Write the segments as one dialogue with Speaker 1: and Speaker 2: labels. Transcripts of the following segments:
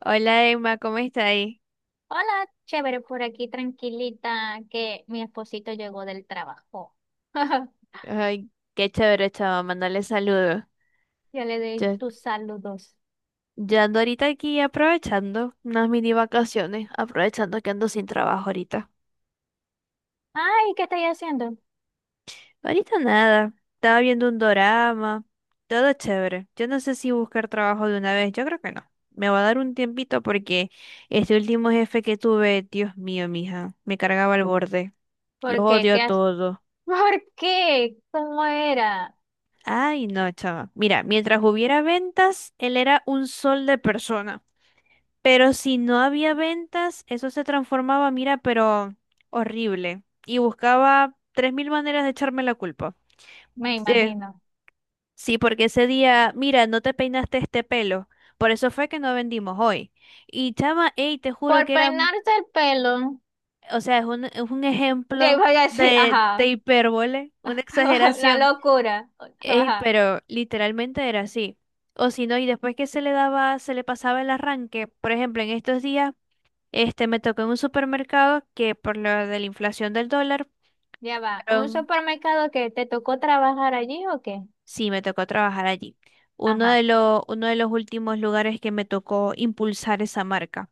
Speaker 1: Hola Emma, ¿cómo está ahí?
Speaker 2: Hola, chévere, por aquí tranquilita que mi esposito llegó del trabajo.
Speaker 1: Ay, qué chévere, chava, mandarle saludos.
Speaker 2: Ya le di
Speaker 1: Yo,
Speaker 2: tus saludos.
Speaker 1: yo ando ahorita aquí aprovechando unas mini vacaciones, aprovechando que ando sin trabajo ahorita.
Speaker 2: Ay, ¿qué estáis haciendo?
Speaker 1: Ahorita nada, estaba viendo un dorama, todo chévere. Yo no sé si buscar trabajo de una vez, yo creo que no. Me va a dar un tiempito porque este último jefe que tuve, Dios mío, mija, me cargaba al borde. Los
Speaker 2: ¿Por qué?
Speaker 1: odio a
Speaker 2: ¿Qué haces?
Speaker 1: todos.
Speaker 2: ¿Por qué? ¿Cómo era?
Speaker 1: Ay, no, chava. Mira, mientras hubiera ventas, él era un sol de persona. Pero si no había ventas, eso se transformaba, mira, pero horrible. Y buscaba 3.000 maneras de echarme la culpa.
Speaker 2: Me
Speaker 1: Sí,
Speaker 2: imagino.
Speaker 1: sí, porque ese día, mira, no te peinaste este pelo. Por eso fue que no vendimos hoy. Y chama, ey, te juro
Speaker 2: Por
Speaker 1: que
Speaker 2: peinarse el pelo.
Speaker 1: o sea, es un
Speaker 2: Ya
Speaker 1: ejemplo
Speaker 2: iba a decir,
Speaker 1: de
Speaker 2: ajá.
Speaker 1: hipérbole, una
Speaker 2: La
Speaker 1: exageración.
Speaker 2: locura.
Speaker 1: Ey,
Speaker 2: Ajá,
Speaker 1: pero literalmente era así. O si no, y después que se le daba, se le pasaba el arranque, por ejemplo, en estos días. Este me tocó en un supermercado que por lo de la inflación del dólar,
Speaker 2: ya va. ¿Un
Speaker 1: fueron-
Speaker 2: supermercado que te tocó trabajar allí o qué?
Speaker 1: sí, me tocó trabajar allí. Uno
Speaker 2: Ajá.
Speaker 1: de los, uno de los últimos lugares que me tocó impulsar esa marca.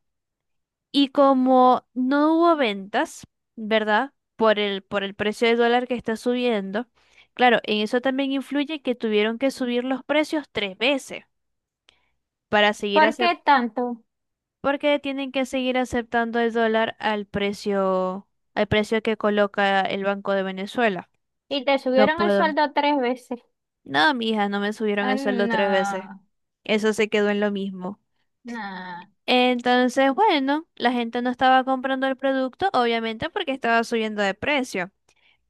Speaker 1: Y como no hubo ventas, ¿verdad? Por el precio del dólar que está subiendo, claro, en eso también influye que tuvieron que subir los precios tres veces para seguir
Speaker 2: ¿Por
Speaker 1: aceptando,
Speaker 2: qué tanto?
Speaker 1: porque tienen que seguir aceptando el dólar al precio que coloca el Banco de Venezuela.
Speaker 2: Y te
Speaker 1: No
Speaker 2: subieron el
Speaker 1: puedo.
Speaker 2: sueldo tres veces.
Speaker 1: No, mi hija, no me subieron
Speaker 2: Ah,
Speaker 1: el sueldo tres veces.
Speaker 2: no.
Speaker 1: Eso se quedó en lo mismo.
Speaker 2: Nah.
Speaker 1: Entonces, bueno, la gente no estaba comprando el producto, obviamente porque estaba subiendo de precio.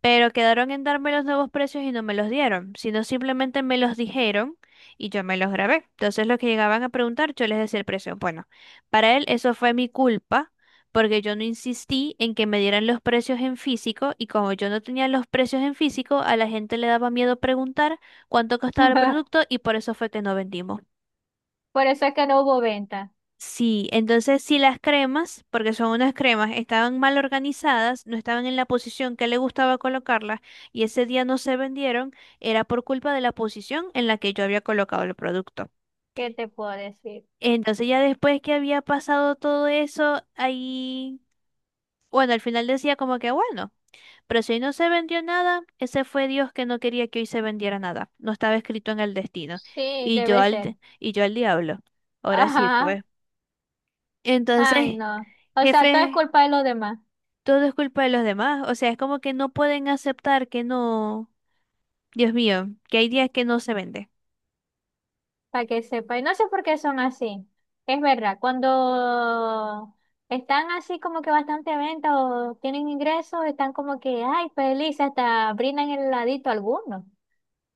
Speaker 1: Pero quedaron en darme los nuevos precios y no me los dieron, sino simplemente me los dijeron y yo me los grabé. Entonces los que llegaban a preguntar, yo les decía el precio. Bueno, para él eso fue mi culpa porque yo no insistí en que me dieran los precios en físico y como yo no tenía los precios en físico, a la gente le daba miedo preguntar cuánto costaba el producto y por eso fue que no vendimos.
Speaker 2: Por eso es que no hubo venta.
Speaker 1: Sí, entonces si las cremas, porque son unas cremas, estaban mal organizadas, no estaban en la posición que le gustaba colocarlas y ese día no se vendieron, era por culpa de la posición en la que yo había colocado el producto.
Speaker 2: ¿Qué te puedo decir?
Speaker 1: Entonces ya después que había pasado todo eso, ahí, bueno, al final decía como que bueno, pero si hoy no se vendió nada, ese fue Dios que no quería que hoy se vendiera nada, no estaba escrito en el destino.
Speaker 2: Sí,
Speaker 1: Y yo
Speaker 2: debe ser.
Speaker 1: al, y yo al diablo. Ahora sí,
Speaker 2: Ajá.
Speaker 1: pues.
Speaker 2: Ay,
Speaker 1: Entonces,
Speaker 2: no. O sea, todo es
Speaker 1: jefe,
Speaker 2: culpa de los demás,
Speaker 1: todo es culpa de los demás. O sea, es como que no pueden aceptar que no, Dios mío, que hay días que no se vende.
Speaker 2: para que sepa. Y no sé por qué son así. Es verdad, cuando están así como que bastante venta o tienen ingresos, están como que, ay, feliz, hasta brindan el heladito a algunos.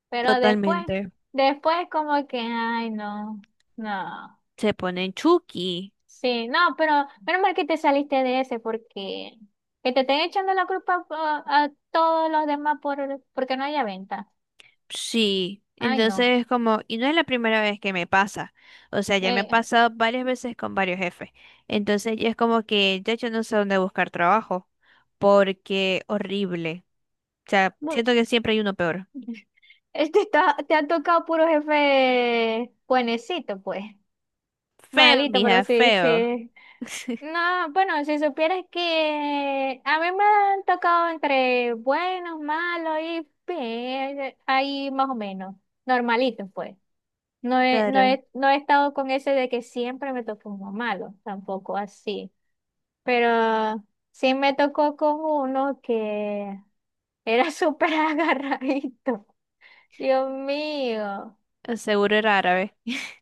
Speaker 2: Pero después,
Speaker 1: Totalmente.
Speaker 2: después como que, ay, no, no.
Speaker 1: Se ponen chuki.
Speaker 2: Sí, no, pero menos mal que te saliste de ese porque que te estén echando la culpa a todos los demás por porque no haya venta.
Speaker 1: Sí.
Speaker 2: Ay, no.
Speaker 1: Entonces es como, y no es la primera vez que me pasa. O sea, ya me ha
Speaker 2: Eh,
Speaker 1: pasado varias veces con varios jefes. Entonces ya es como que ya yo no sé dónde buscar trabajo. Porque horrible. O sea,
Speaker 2: bu-
Speaker 1: siento que siempre hay uno peor.
Speaker 2: este está, te ha tocado puro jefe buenecito, pues.
Speaker 1: Feo,
Speaker 2: Malito, pero
Speaker 1: mija,
Speaker 2: sí,
Speaker 1: feo.
Speaker 2: sí. No, bueno, si supieras que a mí me han tocado entre buenos, malos y bien, ahí más o menos, normalitos, pues. No he, no
Speaker 1: Claro.
Speaker 2: he, no he estado con ese de que siempre me tocó uno malo, tampoco así. Pero sí me tocó con uno que era súper agarradito. Dios mío.
Speaker 1: Seguro era árabe.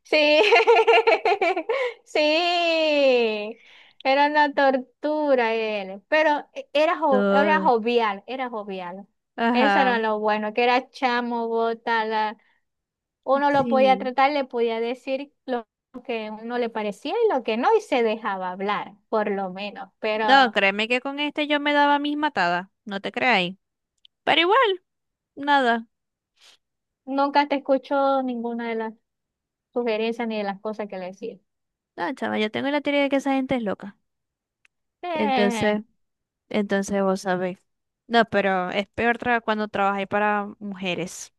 Speaker 2: Sí, sí. Era una tortura él. Pero e, era, jo- era
Speaker 1: Todo.
Speaker 2: jovial, era jovial. Eso era
Speaker 1: Ajá.
Speaker 2: lo bueno, que era chamo, botala. Uno lo podía
Speaker 1: Sí.
Speaker 2: tratar, le podía decir lo que a uno le parecía y lo que no, y se dejaba hablar, por lo menos.
Speaker 1: No,
Speaker 2: Pero
Speaker 1: créeme que con este yo me daba mis matadas, no te creáis. Pero igual, nada.
Speaker 2: nunca te escuchó ninguna de las sugerencias ni de las cosas que le decía.
Speaker 1: No, chava, yo tengo la teoría de que esa gente es loca.
Speaker 2: Eh,
Speaker 1: Entonces, entonces vos sabéis. No, pero es peor cuando trabajáis para mujeres.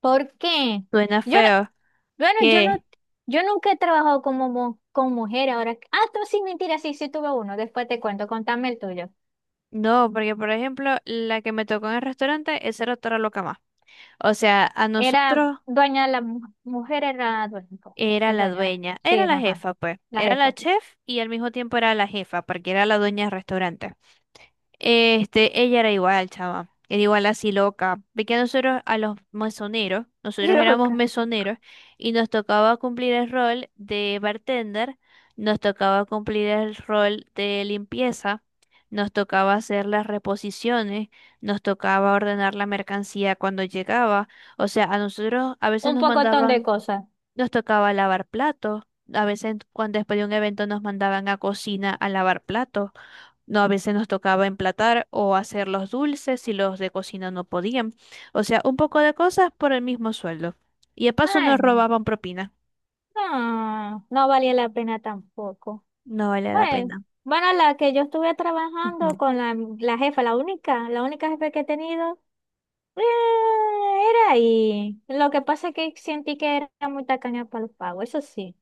Speaker 2: ¿Por qué?
Speaker 1: Suena
Speaker 2: Yo no,
Speaker 1: feo.
Speaker 2: bueno, yo no,
Speaker 1: ¿Qué?
Speaker 2: yo nunca he trabajado como con mujer ahora. Ah, tú sí, mentira, sí, sí tuve uno. Después te cuento, contame el tuyo.
Speaker 1: No, porque por ejemplo, la que me tocó en el restaurante, esa era otra loca más. O sea, a
Speaker 2: Era
Speaker 1: nosotros
Speaker 2: dueña, la mujer era dueña,
Speaker 1: era
Speaker 2: el
Speaker 1: la
Speaker 2: dueño,
Speaker 1: dueña,
Speaker 2: sí,
Speaker 1: era la
Speaker 2: ajá,
Speaker 1: jefa, pues.
Speaker 2: la
Speaker 1: Era la
Speaker 2: jefa.
Speaker 1: chef y al mismo tiempo era la jefa, porque era la dueña del restaurante. Este, ella era igual, chava. Era igual así loca. Ve que a nosotros, a los mesoneros, nosotros éramos
Speaker 2: Loca.
Speaker 1: mesoneros y nos tocaba cumplir el rol de bartender, nos tocaba cumplir el rol de limpieza, nos tocaba hacer las reposiciones, nos tocaba ordenar la mercancía cuando llegaba. O sea, a nosotros a veces
Speaker 2: Un
Speaker 1: nos
Speaker 2: pocotón de
Speaker 1: mandaban,
Speaker 2: cosas.
Speaker 1: nos tocaba lavar platos, a veces cuando después de un evento nos mandaban a cocina a lavar platos. No, a veces nos tocaba emplatar o hacer los dulces si los de cocina no podían. O sea, un poco de cosas por el mismo sueldo. Y de paso nos
Speaker 2: Bueno,
Speaker 1: robaban propina.
Speaker 2: no, no valía la pena tampoco.
Speaker 1: No vale la
Speaker 2: Bueno,
Speaker 1: pena.
Speaker 2: bueno, la que yo estuve
Speaker 1: Ujú.
Speaker 2: trabajando con la jefa, la única jefa que he tenido, eh, era ahí. Lo que pasa es que sentí que era muy tacaña para los pagos, eso sí,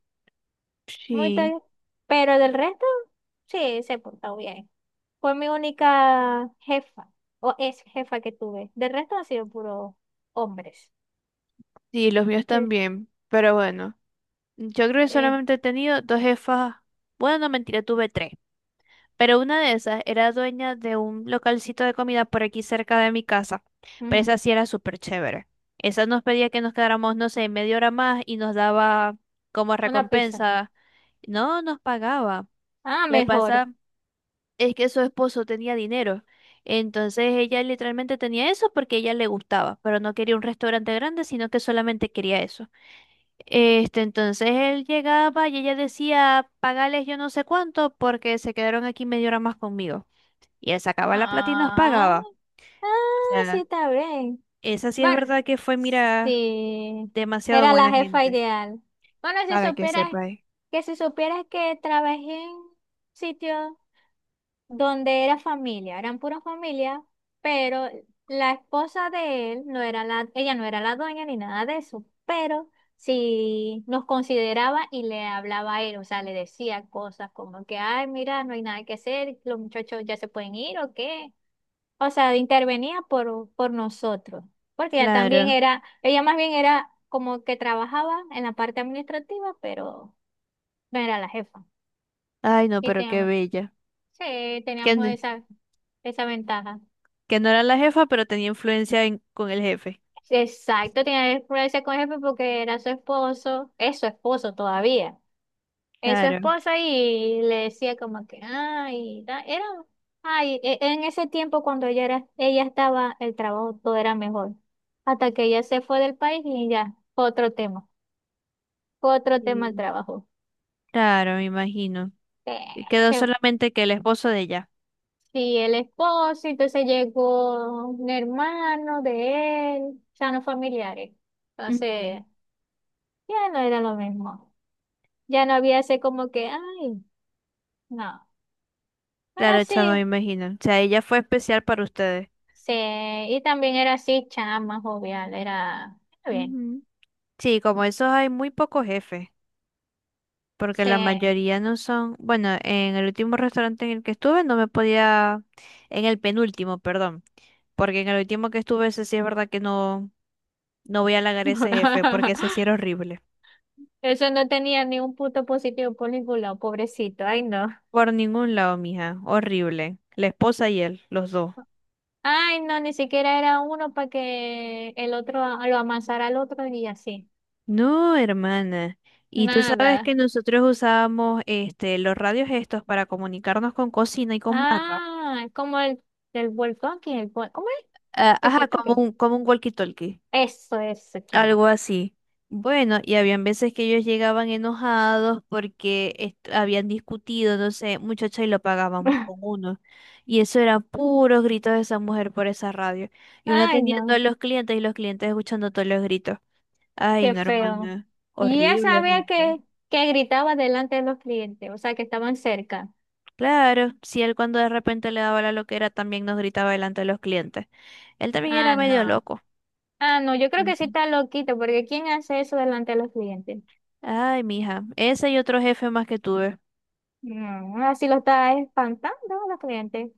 Speaker 2: muy ta-
Speaker 1: Sí,
Speaker 2: pero del resto, sí, se portó bien. Fue mi única jefa, o es jefa que tuve. Del resto han sido puros hombres.
Speaker 1: sí, los míos
Speaker 2: Sí.
Speaker 1: también. Pero bueno, yo creo que
Speaker 2: Eh,
Speaker 1: solamente he tenido dos jefas. Bueno, no, mentira, tuve tres. Pero una de esas era dueña de un localcito de comida por aquí cerca de mi casa. Pero
Speaker 2: ujú.
Speaker 1: esa sí era súper chévere. Esa nos pedía que nos quedáramos, no sé, media hora más y nos daba como
Speaker 2: Una pizza.
Speaker 1: recompensa. No nos pagaba.
Speaker 2: Ah,
Speaker 1: Lo que
Speaker 2: mejor.
Speaker 1: pasa es que su esposo tenía dinero. Entonces ella literalmente tenía eso porque a ella le gustaba, pero no quería un restaurante grande, sino que solamente quería eso. Este, entonces él llegaba y ella decía, pagales yo no sé cuánto porque se quedaron aquí media hora más conmigo. Y él sacaba la plata y nos
Speaker 2: Ah,
Speaker 1: pagaba.
Speaker 2: ah,
Speaker 1: O
Speaker 2: sí,
Speaker 1: sea,
Speaker 2: está bien.
Speaker 1: esa sí es
Speaker 2: Bueno,
Speaker 1: verdad que fue, mira,
Speaker 2: sí,
Speaker 1: demasiado
Speaker 2: era la
Speaker 1: buena
Speaker 2: jefa
Speaker 1: gente,
Speaker 2: ideal. Bueno, si
Speaker 1: para que
Speaker 2: supieras
Speaker 1: sepáis.
Speaker 2: si supieras que trabajé en un sitio donde era familia, eran pura familia, pero la esposa de él no era ella no era la dueña ni nada de eso, pero sí nos consideraba y le hablaba a él, o sea, le decía cosas como que, ay, mira, no hay nada que hacer, los muchachos ya se pueden ir o qué. O sea, intervenía por nosotros, porque ella también
Speaker 1: Claro.
Speaker 2: era, ella más bien era como que trabajaba en la parte administrativa, pero no era la jefa.
Speaker 1: Ay, no,
Speaker 2: Y
Speaker 1: pero qué
Speaker 2: teníamos,
Speaker 1: bella.
Speaker 2: sí,
Speaker 1: Que,
Speaker 2: teníamos
Speaker 1: n-
Speaker 2: esa ventaja.
Speaker 1: que no era la jefa, pero tenía con el jefe.
Speaker 2: Exacto, tenía que ponerse con el jefe porque era su esposo, es su esposo todavía. Es su
Speaker 1: Claro.
Speaker 2: esposa y le decía como que, ay, en ese tiempo cuando ella estaba, el trabajo todo era mejor. Hasta que ella se fue del país y ya, fue otro tema el
Speaker 1: Sí,
Speaker 2: trabajo.
Speaker 1: claro, me imagino.
Speaker 2: Eh,
Speaker 1: Y quedó
Speaker 2: se-
Speaker 1: solamente que el esposo de ella.
Speaker 2: Sí, el esposo, entonces llegó un hermano de él, ya no familiares.
Speaker 1: Ujú.
Speaker 2: Entonces, ya no era lo mismo. Ya no había ese como que, ay, no. Pero
Speaker 1: Claro, chamo, me
Speaker 2: sí.
Speaker 1: imagino. O sea, ella fue especial para ustedes.
Speaker 2: Sí, y también era así, chama, jovial, era bien.
Speaker 1: Ujú. Sí, como esos hay muy pocos jefes, porque
Speaker 2: Sí.
Speaker 1: la mayoría no son, bueno, en el último restaurante en el que estuve no me podía, en el penúltimo, perdón, porque en el último que estuve ese sí es verdad que no, no voy a halagar a ese jefe, porque ese sí era horrible.
Speaker 2: Eso no tenía ni un punto positivo por ningún lado, pobrecito. Ay, no.
Speaker 1: Por ningún lado, mija, horrible. La esposa y él, los dos.
Speaker 2: Ay, no, ni siquiera era uno para que el otro lo amasara al otro y así.
Speaker 1: No, hermana. Y tú sabes
Speaker 2: Nada.
Speaker 1: que nosotros usábamos este, los radios estos para comunicarnos con cocina y con barra.
Speaker 2: Ah, como el del volcán, que el ¿cómo es?
Speaker 1: Ah, ajá,
Speaker 2: Tequito,
Speaker 1: como
Speaker 2: que
Speaker 1: un, como un walkie-talkie.
Speaker 2: eso es, chama.
Speaker 1: Algo así. Bueno, y habían veces que ellos llegaban enojados porque habían discutido, no sé, muchacha, y lo pagaban con uno. Y eso eran puros gritos de esa mujer por esa radio. Y uno
Speaker 2: Ay,
Speaker 1: atendiendo a
Speaker 2: no,
Speaker 1: los clientes y los clientes escuchando todos los gritos. Ay,
Speaker 2: qué
Speaker 1: no,
Speaker 2: feo.
Speaker 1: hermana.
Speaker 2: Y ella
Speaker 1: Horrible,
Speaker 2: sabía
Speaker 1: horrible.
Speaker 2: que gritaba delante de los clientes, o sea, que estaban cerca.
Speaker 1: Claro, si él cuando de repente le daba la loquera también nos gritaba delante de los clientes. Él también era
Speaker 2: Ah,
Speaker 1: medio
Speaker 2: no.
Speaker 1: loco.
Speaker 2: Ah, no, yo creo que sí
Speaker 1: Ujú.
Speaker 2: está loquito, porque ¿quién hace eso delante de los clientes?
Speaker 1: Ay, mija, ese y otro jefe más que tuve.
Speaker 2: No, así lo está espantando a los clientes.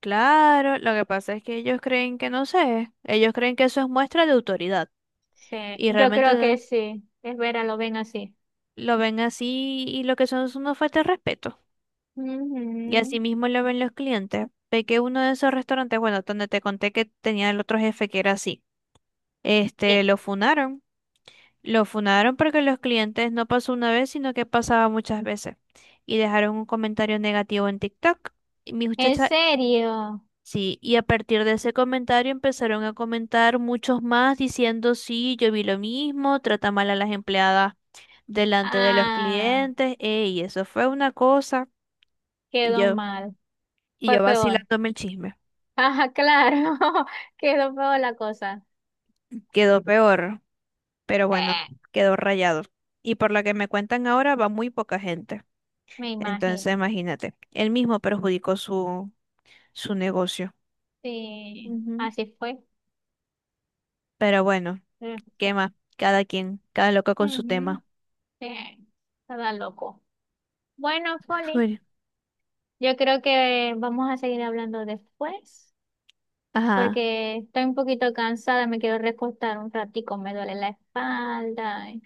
Speaker 1: Claro, lo que pasa es que ellos creen que no sé, ellos creen que eso es muestra de autoridad
Speaker 2: Sí,
Speaker 1: y
Speaker 2: yo creo que
Speaker 1: realmente
Speaker 2: sí. Es vera, lo ven así.
Speaker 1: lo ven así y lo que son es una falta de respeto. Y
Speaker 2: Ujú.
Speaker 1: así mismo lo ven los clientes. Ve que uno de esos restaurantes, bueno, donde te conté que tenía el otro jefe que era así,
Speaker 2: Sí.
Speaker 1: este, lo funaron. Lo funaron porque los clientes no pasó una vez, sino que pasaba muchas veces. Y dejaron un comentario negativo en TikTok. Y mi
Speaker 2: ¿En
Speaker 1: muchacha,
Speaker 2: serio?
Speaker 1: sí, y a partir de ese comentario empezaron a comentar muchos más diciendo, sí, yo vi lo mismo, trata mal a las empleadas delante de los
Speaker 2: Ah,
Speaker 1: clientes, ey, eso fue una cosa, y
Speaker 2: quedó
Speaker 1: yo,
Speaker 2: mal.
Speaker 1: y
Speaker 2: Fue
Speaker 1: yo
Speaker 2: peor.
Speaker 1: vacilándome el chisme.
Speaker 2: Ah, claro. Quedó peor la cosa.
Speaker 1: Quedó peor, pero bueno,
Speaker 2: Eh,
Speaker 1: quedó rayado. Y por lo que me cuentan ahora va muy poca gente.
Speaker 2: me
Speaker 1: Entonces,
Speaker 2: imagino.
Speaker 1: imagínate, él mismo perjudicó su negocio.
Speaker 2: Sí,
Speaker 1: Ujú.
Speaker 2: así fue.
Speaker 1: Pero bueno,
Speaker 2: Mm,
Speaker 1: ¿qué
Speaker 2: sí.
Speaker 1: más? Cada quien, cada loco con su
Speaker 2: Ujú.
Speaker 1: tema.
Speaker 2: Sí. Estaba loco. Bueno, Folly.
Speaker 1: Bueno.
Speaker 2: Yo creo que vamos a seguir hablando después,
Speaker 1: Ajá.
Speaker 2: porque estoy un poquito cansada, me quiero recostar un ratico, me duele la espalda, ay,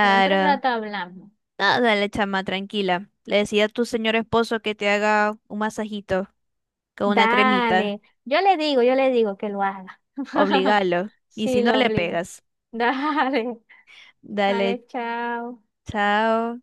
Speaker 2: pero entre rato hablamos.
Speaker 1: Nada, dale, chama, tranquila. Le decía a tu señor esposo que te haga un masajito con una cremita.
Speaker 2: Dale, yo le digo que lo haga.
Speaker 1: Obligalo. Y si
Speaker 2: Sí,
Speaker 1: no,
Speaker 2: lo
Speaker 1: le
Speaker 2: obligo.
Speaker 1: pegas.
Speaker 2: Dale,
Speaker 1: Dale,
Speaker 2: dale, chao.
Speaker 1: chao.